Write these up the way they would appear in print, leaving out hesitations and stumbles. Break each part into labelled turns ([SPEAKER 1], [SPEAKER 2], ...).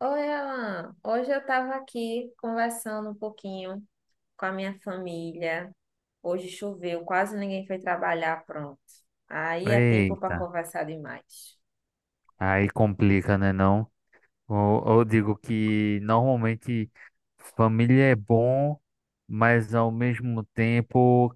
[SPEAKER 1] Oi, Alan. Hoje eu estava aqui conversando um pouquinho com a minha família. Hoje choveu, quase ninguém foi trabalhar, pronto. Aí é tempo para
[SPEAKER 2] Eita,
[SPEAKER 1] conversar demais.
[SPEAKER 2] aí complica, né, não? Ou, eu digo que normalmente família é bom, mas ao mesmo tempo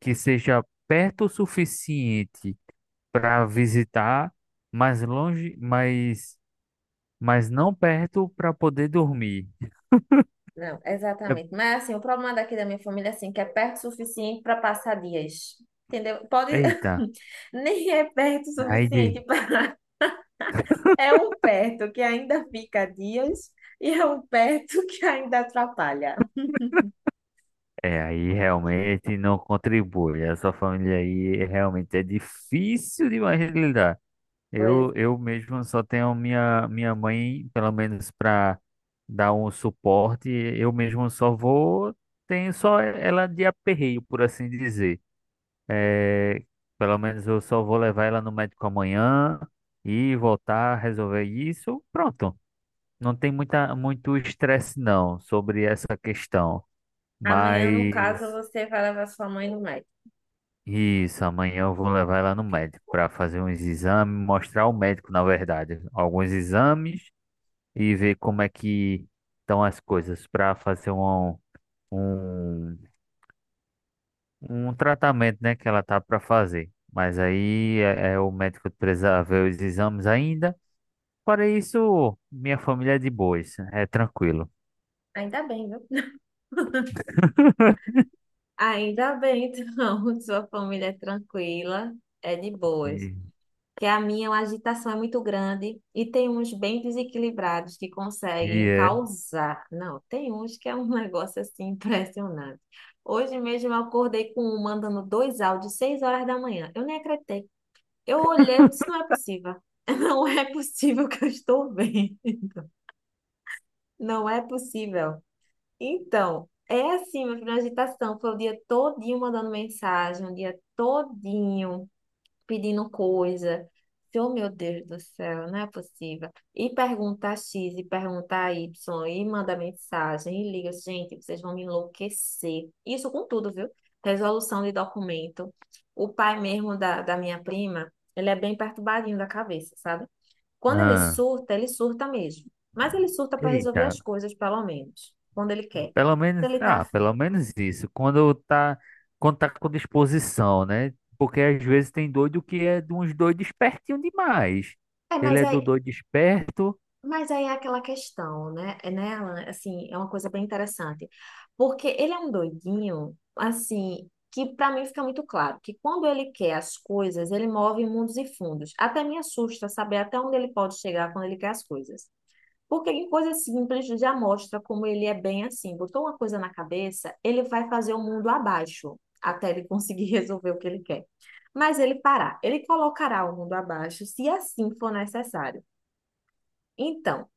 [SPEAKER 2] que seja perto o suficiente para visitar, mas longe, mas não perto para poder dormir.
[SPEAKER 1] Não,
[SPEAKER 2] É-
[SPEAKER 1] exatamente. Mas assim, o problema daqui da minha família é assim, que é perto o suficiente para passar dias. Entendeu? Pode
[SPEAKER 2] Eita,
[SPEAKER 1] nem é perto o
[SPEAKER 2] aí de,
[SPEAKER 1] suficiente para é um perto que ainda fica dias e é um perto que ainda atrapalha.
[SPEAKER 2] é, aí realmente não contribui. Essa família aí realmente é difícil demais de lidar. Eu,
[SPEAKER 1] Pois
[SPEAKER 2] eu mesmo só tenho minha mãe, pelo menos para dar um suporte. Eu mesmo só vou, tenho só ela de aperreio, por assim dizer. É, pelo menos eu só vou levar ela no médico amanhã e voltar a resolver isso. Pronto. Não tem muita, muito estresse, não, sobre essa questão.
[SPEAKER 1] amanhã, no caso,
[SPEAKER 2] Mas
[SPEAKER 1] você vai levar sua mãe no médico.
[SPEAKER 2] isso, amanhã eu vou levar ela no médico para fazer uns exames, mostrar ao médico, na verdade, alguns exames e ver como é que estão as coisas para fazer um, um tratamento, né, que ela tá para fazer. Mas aí é o médico precisa ver os exames ainda. Para isso, minha família é de boas, é tranquilo.
[SPEAKER 1] Ainda bem, viu? Ainda bem, então, sua família é tranquila, é de boas.
[SPEAKER 2] E,
[SPEAKER 1] Que a agitação é muito grande e tem uns bem desequilibrados que
[SPEAKER 2] e
[SPEAKER 1] conseguem
[SPEAKER 2] é.
[SPEAKER 1] causar. Não, tem uns que é um negócio assim impressionante. Hoje mesmo eu acordei com um mandando dois áudios, 6 horas da manhã. Eu nem acreditei. Eu olhei, eu disse, não é possível. Não é possível que eu estou bem. Não é possível. Então, é assim, meu filho, uma agitação. Foi o dia todinho mandando mensagem, o dia todinho pedindo coisa. Oh, meu Deus do céu, não é possível. E pergunta X, e pergunta Y, e manda mensagem, e liga, gente, vocês vão me enlouquecer. Isso com tudo, viu? Resolução de documento. O pai mesmo da minha prima, ele é bem perturbadinho da cabeça, sabe? Quando
[SPEAKER 2] Ah,
[SPEAKER 1] ele surta mesmo. Mas ele surta para resolver
[SPEAKER 2] eita,
[SPEAKER 1] as coisas, pelo menos, quando ele quer,
[SPEAKER 2] pelo menos,
[SPEAKER 1] quando ele tá
[SPEAKER 2] ah,
[SPEAKER 1] afim.
[SPEAKER 2] pelo menos isso. Quando tá com disposição, né? Porque às vezes tem doido que é de uns doidos espertinho demais.
[SPEAKER 1] É,
[SPEAKER 2] Ele
[SPEAKER 1] mas
[SPEAKER 2] é do
[SPEAKER 1] aí,
[SPEAKER 2] doido esperto.
[SPEAKER 1] mas aí é aquela questão, né? É, né, Alan? Assim, é uma coisa bem interessante. Porque ele é um doidinho, assim, que para mim fica muito claro que quando ele quer as coisas, ele move mundos e fundos. Até me assusta saber até onde ele pode chegar quando ele quer as coisas. Porque em coisa simples já mostra como ele é bem assim. Botou uma coisa na cabeça, ele vai fazer o mundo abaixo até ele conseguir resolver o que ele quer. Mas ele parar, ele colocará o mundo abaixo se assim for necessário. Então,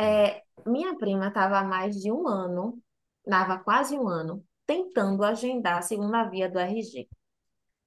[SPEAKER 2] Né?
[SPEAKER 1] é, minha prima estava há mais de um ano, estava quase um ano, tentando agendar a segunda via do RG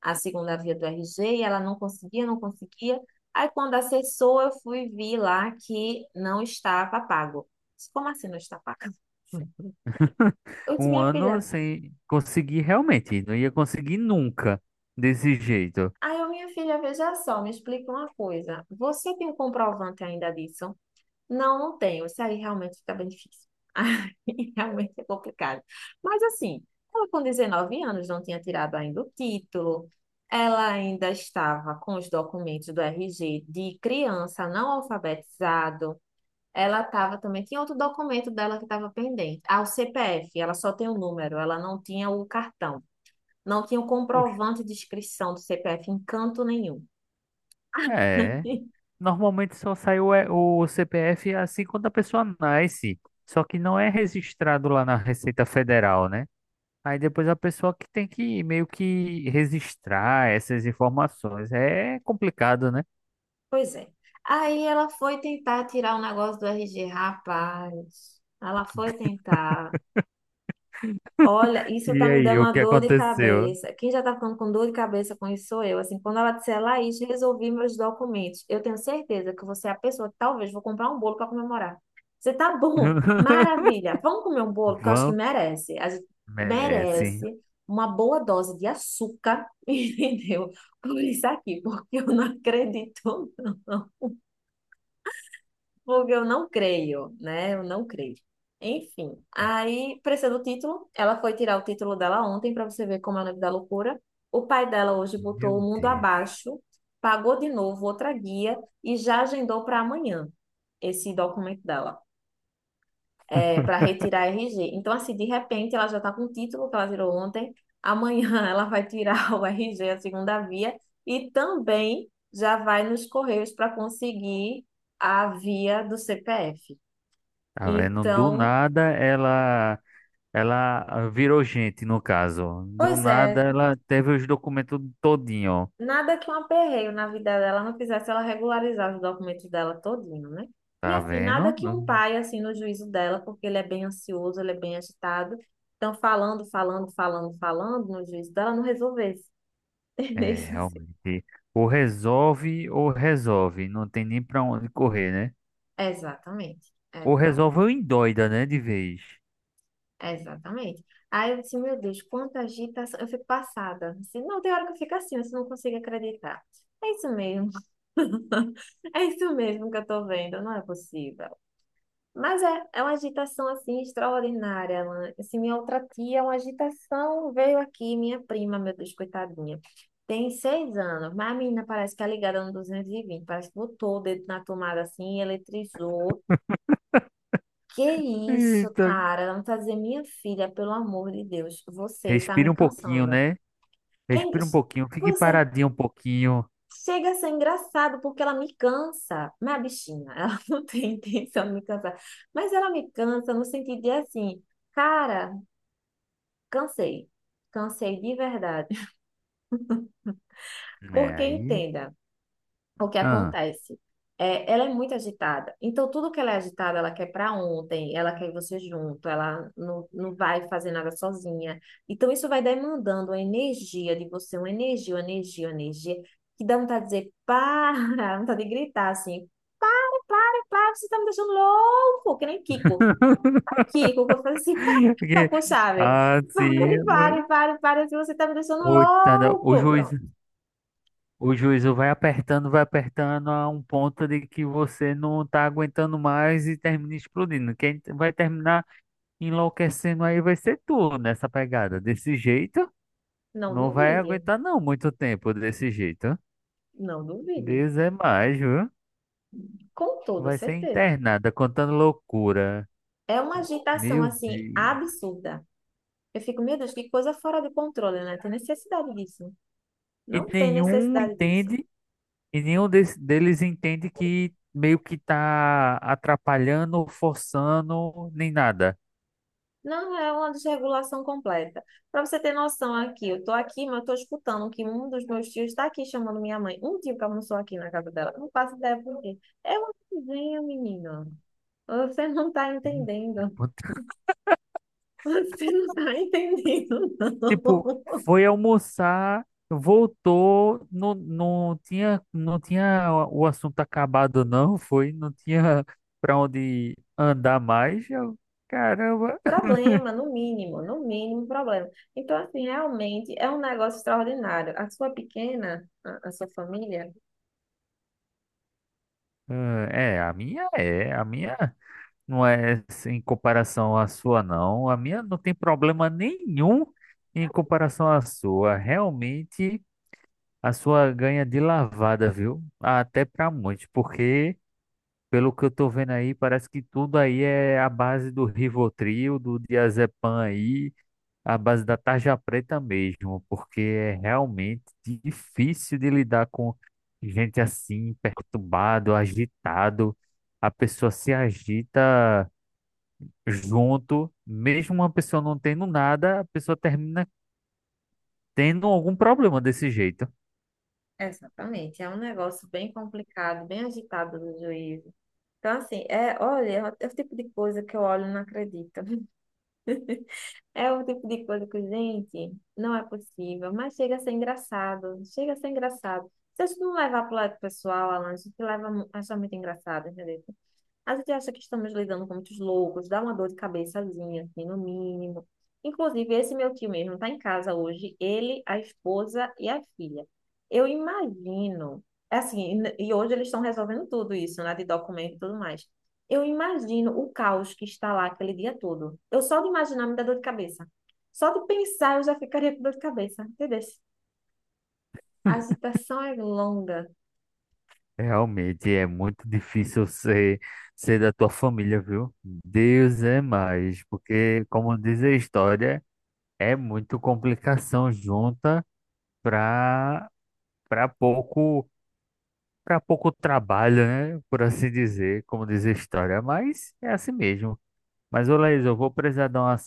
[SPEAKER 1] a segunda via do RG, e ela não conseguia, não conseguia. Aí, quando acessou, eu fui ver lá que não estava pago. Disse, como assim não está pago? Hum. Eu disse,
[SPEAKER 2] Um
[SPEAKER 1] minha
[SPEAKER 2] ano
[SPEAKER 1] filha,
[SPEAKER 2] sem conseguir realmente, não ia conseguir nunca desse jeito.
[SPEAKER 1] aí eu, minha filha, veja só, me explica uma coisa. Você tem um comprovante ainda disso? Não, não tenho. Isso aí realmente fica bem difícil. Aí realmente é complicado. Mas assim, ela com 19 anos não tinha tirado ainda o título, ela ainda estava com os documentos do RG de criança não alfabetizado. Ela estava também, tinha outro documento dela que estava pendente. Ah, o CPF, ela só tem o número, ela não tinha o cartão. Não tinha o
[SPEAKER 2] Poxa,
[SPEAKER 1] comprovante de inscrição do CPF em canto nenhum.
[SPEAKER 2] é, normalmente só sai o, E- o CPF assim quando a pessoa nasce, só que não é registrado lá na Receita Federal, né? Aí depois a pessoa que tem que meio que registrar essas informações. É complicado, né?
[SPEAKER 1] Pois é. Aí ela foi tentar tirar o negócio do RG, rapaz. Ela foi tentar. Olha, isso tá
[SPEAKER 2] E
[SPEAKER 1] me
[SPEAKER 2] aí,
[SPEAKER 1] dando
[SPEAKER 2] o
[SPEAKER 1] uma
[SPEAKER 2] que
[SPEAKER 1] dor de
[SPEAKER 2] aconteceu?
[SPEAKER 1] cabeça. Quem já tá ficando com dor de cabeça com isso sou eu. Assim, quando ela disser, Laís, resolvi meus documentos. Eu tenho certeza que você é a pessoa que talvez vou comprar um bolo para comemorar. Você tá bom, maravilha. Vamos comer um bolo, que eu acho que
[SPEAKER 2] Van
[SPEAKER 1] merece. A gente
[SPEAKER 2] merece.
[SPEAKER 1] merece uma boa dose de açúcar, entendeu? Por isso aqui, porque eu não acredito. Fogo, eu não creio, né? Eu não creio. Enfim, aí, precisa do título. Ela foi tirar o título dela ontem para você ver como é o nome da loucura. O pai dela hoje
[SPEAKER 2] Meu
[SPEAKER 1] botou o mundo
[SPEAKER 2] Deus.
[SPEAKER 1] abaixo, pagou de novo outra guia e já agendou para amanhã esse documento dela, é, para retirar a RG. Então, assim, de repente, ela já está com o título que ela tirou ontem. Amanhã ela vai tirar o RG, a segunda via, e também já vai nos correios para conseguir a via do CPF.
[SPEAKER 2] Tá vendo? Do
[SPEAKER 1] Então,
[SPEAKER 2] nada ela. Ela ah, virou gente, no caso. Do
[SPEAKER 1] pois
[SPEAKER 2] nada,
[SPEAKER 1] é,
[SPEAKER 2] ela teve os documentos todinho.
[SPEAKER 1] nada que um aperreio na vida dela não fizesse ela regularizar os documentos dela todinho, né? E
[SPEAKER 2] Tá
[SPEAKER 1] assim, nada
[SPEAKER 2] vendo?
[SPEAKER 1] que um pai, assim, no juízo dela, porque ele é bem ansioso, ele é bem agitado, então falando, falando, falando, falando no juízo dela, não resolvesse.
[SPEAKER 2] É,
[SPEAKER 1] Entendeu?
[SPEAKER 2] realmente. Ou resolve ou resolve. Não tem nem pra onde correr, né?
[SPEAKER 1] Exatamente,
[SPEAKER 2] Ou resolve ou endoida, né? De vez.
[SPEAKER 1] é, exatamente. Aí eu disse, meu Deus, quanta agitação. Eu fico passada. Assim, não, tem hora que eu fico assim, você não consigo acreditar. É isso mesmo. É isso mesmo que eu tô vendo, não é possível. Mas é, é uma agitação assim extraordinária, Alan. Assim, minha outra tia, uma agitação veio aqui, minha prima, meu Deus, coitadinha. Tem 6 anos, mas a menina parece que é ligada no 220, parece que botou o dedo na tomada assim, eletrizou. Que isso,
[SPEAKER 2] Eita.
[SPEAKER 1] cara? Não tá dizendo, minha filha, pelo amor de Deus, você tá me
[SPEAKER 2] Respira um pouquinho,
[SPEAKER 1] cansando.
[SPEAKER 2] né?
[SPEAKER 1] É en-
[SPEAKER 2] Respira um pouquinho. Fique
[SPEAKER 1] Pois é,
[SPEAKER 2] paradinho um pouquinho.
[SPEAKER 1] chega a ser engraçado porque ela me cansa. Minha bichinha, ela não tem intenção de me cansar, mas ela me cansa no sentido de assim, cara, cansei, cansei de verdade.
[SPEAKER 2] É,
[SPEAKER 1] Porque
[SPEAKER 2] aí.
[SPEAKER 1] entenda. O que
[SPEAKER 2] Ah,
[SPEAKER 1] acontece? É, ela é muito agitada. Então, tudo que ela é agitada, ela quer para ontem, ela quer você junto, ela não, não vai fazer nada sozinha. Então, isso vai demandando a energia de você, uma energia, uma energia, uma energia, que dá vontade de dizer, para, vontade de gritar assim, para, para, você está me deixando louco, que nem Kiko. Kiko, quando faz assim, para, para,
[SPEAKER 2] porque-
[SPEAKER 1] com chave.
[SPEAKER 2] ah, sim.
[SPEAKER 1] Pare, pare, pare, pare, assim, você está me deixando
[SPEAKER 2] Coitada. O
[SPEAKER 1] louco.
[SPEAKER 2] juiz.
[SPEAKER 1] Pronto,
[SPEAKER 2] O juízo vai apertando a um ponto de que você não tá aguentando mais e termina explodindo. Quem vai terminar enlouquecendo aí vai ser tu nessa pegada. Desse jeito,
[SPEAKER 1] não
[SPEAKER 2] não vai
[SPEAKER 1] duvide,
[SPEAKER 2] aguentar não muito tempo desse jeito.
[SPEAKER 1] não duvide,
[SPEAKER 2] Deus é mais, viu?
[SPEAKER 1] com toda
[SPEAKER 2] Vai ser
[SPEAKER 1] certeza.
[SPEAKER 2] internada, contando loucura.
[SPEAKER 1] É uma agitação,
[SPEAKER 2] Meu
[SPEAKER 1] assim,
[SPEAKER 2] Deus.
[SPEAKER 1] absurda. Eu fico, meu Deus, que coisa fora de controle, né? Tem necessidade disso.
[SPEAKER 2] E
[SPEAKER 1] Não tem
[SPEAKER 2] nenhum
[SPEAKER 1] necessidade disso.
[SPEAKER 2] entende, e nenhum deles entende que meio que tá atrapalhando, forçando, nem nada.
[SPEAKER 1] Não é uma desregulação completa. Para você ter noção aqui, eu tô aqui, mas eu tô escutando que um dos meus tios está aqui chamando minha mãe. Um tio que almoçou aqui na casa dela. Não faço ideia por quê. É uma coisinha, menino. Você não tá entendendo. Você não tá entendendo,
[SPEAKER 2] Tipo,
[SPEAKER 1] não.
[SPEAKER 2] foi almoçar, voltou, não, não tinha o assunto acabado, não, foi, não tinha pra onde andar mais. Eu, caramba.
[SPEAKER 1] Problema, no mínimo, no mínimo um problema. Então, assim, realmente é um negócio extraordinário. A sua pequena, a sua família,
[SPEAKER 2] Ah, é, a minha não é em comparação à sua, não. A minha não tem problema nenhum em comparação à sua. Realmente, a sua ganha de lavada, viu? Até pra muitos, porque. Pelo que eu tô vendo aí, parece que tudo aí é a base do Rivotril, do Diazepam aí, a base da tarja preta mesmo, porque é realmente difícil de lidar com gente assim, perturbado, agitado. A pessoa se agita junto, mesmo uma pessoa não tendo nada, a pessoa termina tendo algum problema desse jeito.
[SPEAKER 1] exatamente, é um negócio bem complicado, bem agitado do juízo. Então, assim, é, olha, é o tipo de coisa que eu olho e não acredito. É o tipo de coisa que, gente, não é possível, mas chega a ser engraçado, chega a ser engraçado. Se a gente não levar para o lado pessoal, Alan, a gente leva, acha muito engraçado, entendeu? A gente acha que estamos lidando com muitos loucos, dá uma dor de cabeçazinha, assim, no mínimo. Inclusive, esse meu tio mesmo está em casa hoje, ele, a esposa e a filha. Eu imagino, é assim, e hoje eles estão resolvendo tudo isso, né, de documento e tudo mais. Eu imagino o caos que está lá aquele dia todo. Eu só de imaginar me dá dor de cabeça. Só de pensar eu já ficaria com dor de cabeça, entendeu? A agitação é longa.
[SPEAKER 2] Realmente é muito difícil ser, ser da tua família, viu? Deus é mais, porque, como diz a história, é muito complicação junta para para pouco para pouco trabalho, né? Por assim dizer, como diz a história, mas é assim mesmo. Mas, ô Laís, eu vou precisar dar uma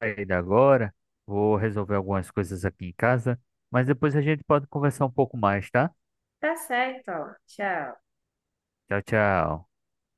[SPEAKER 2] saída agora, vou resolver algumas coisas aqui em casa, mas depois a gente pode conversar um pouco mais, tá?
[SPEAKER 1] Tá certo, ó. Tchau.
[SPEAKER 2] Tchau, tchau.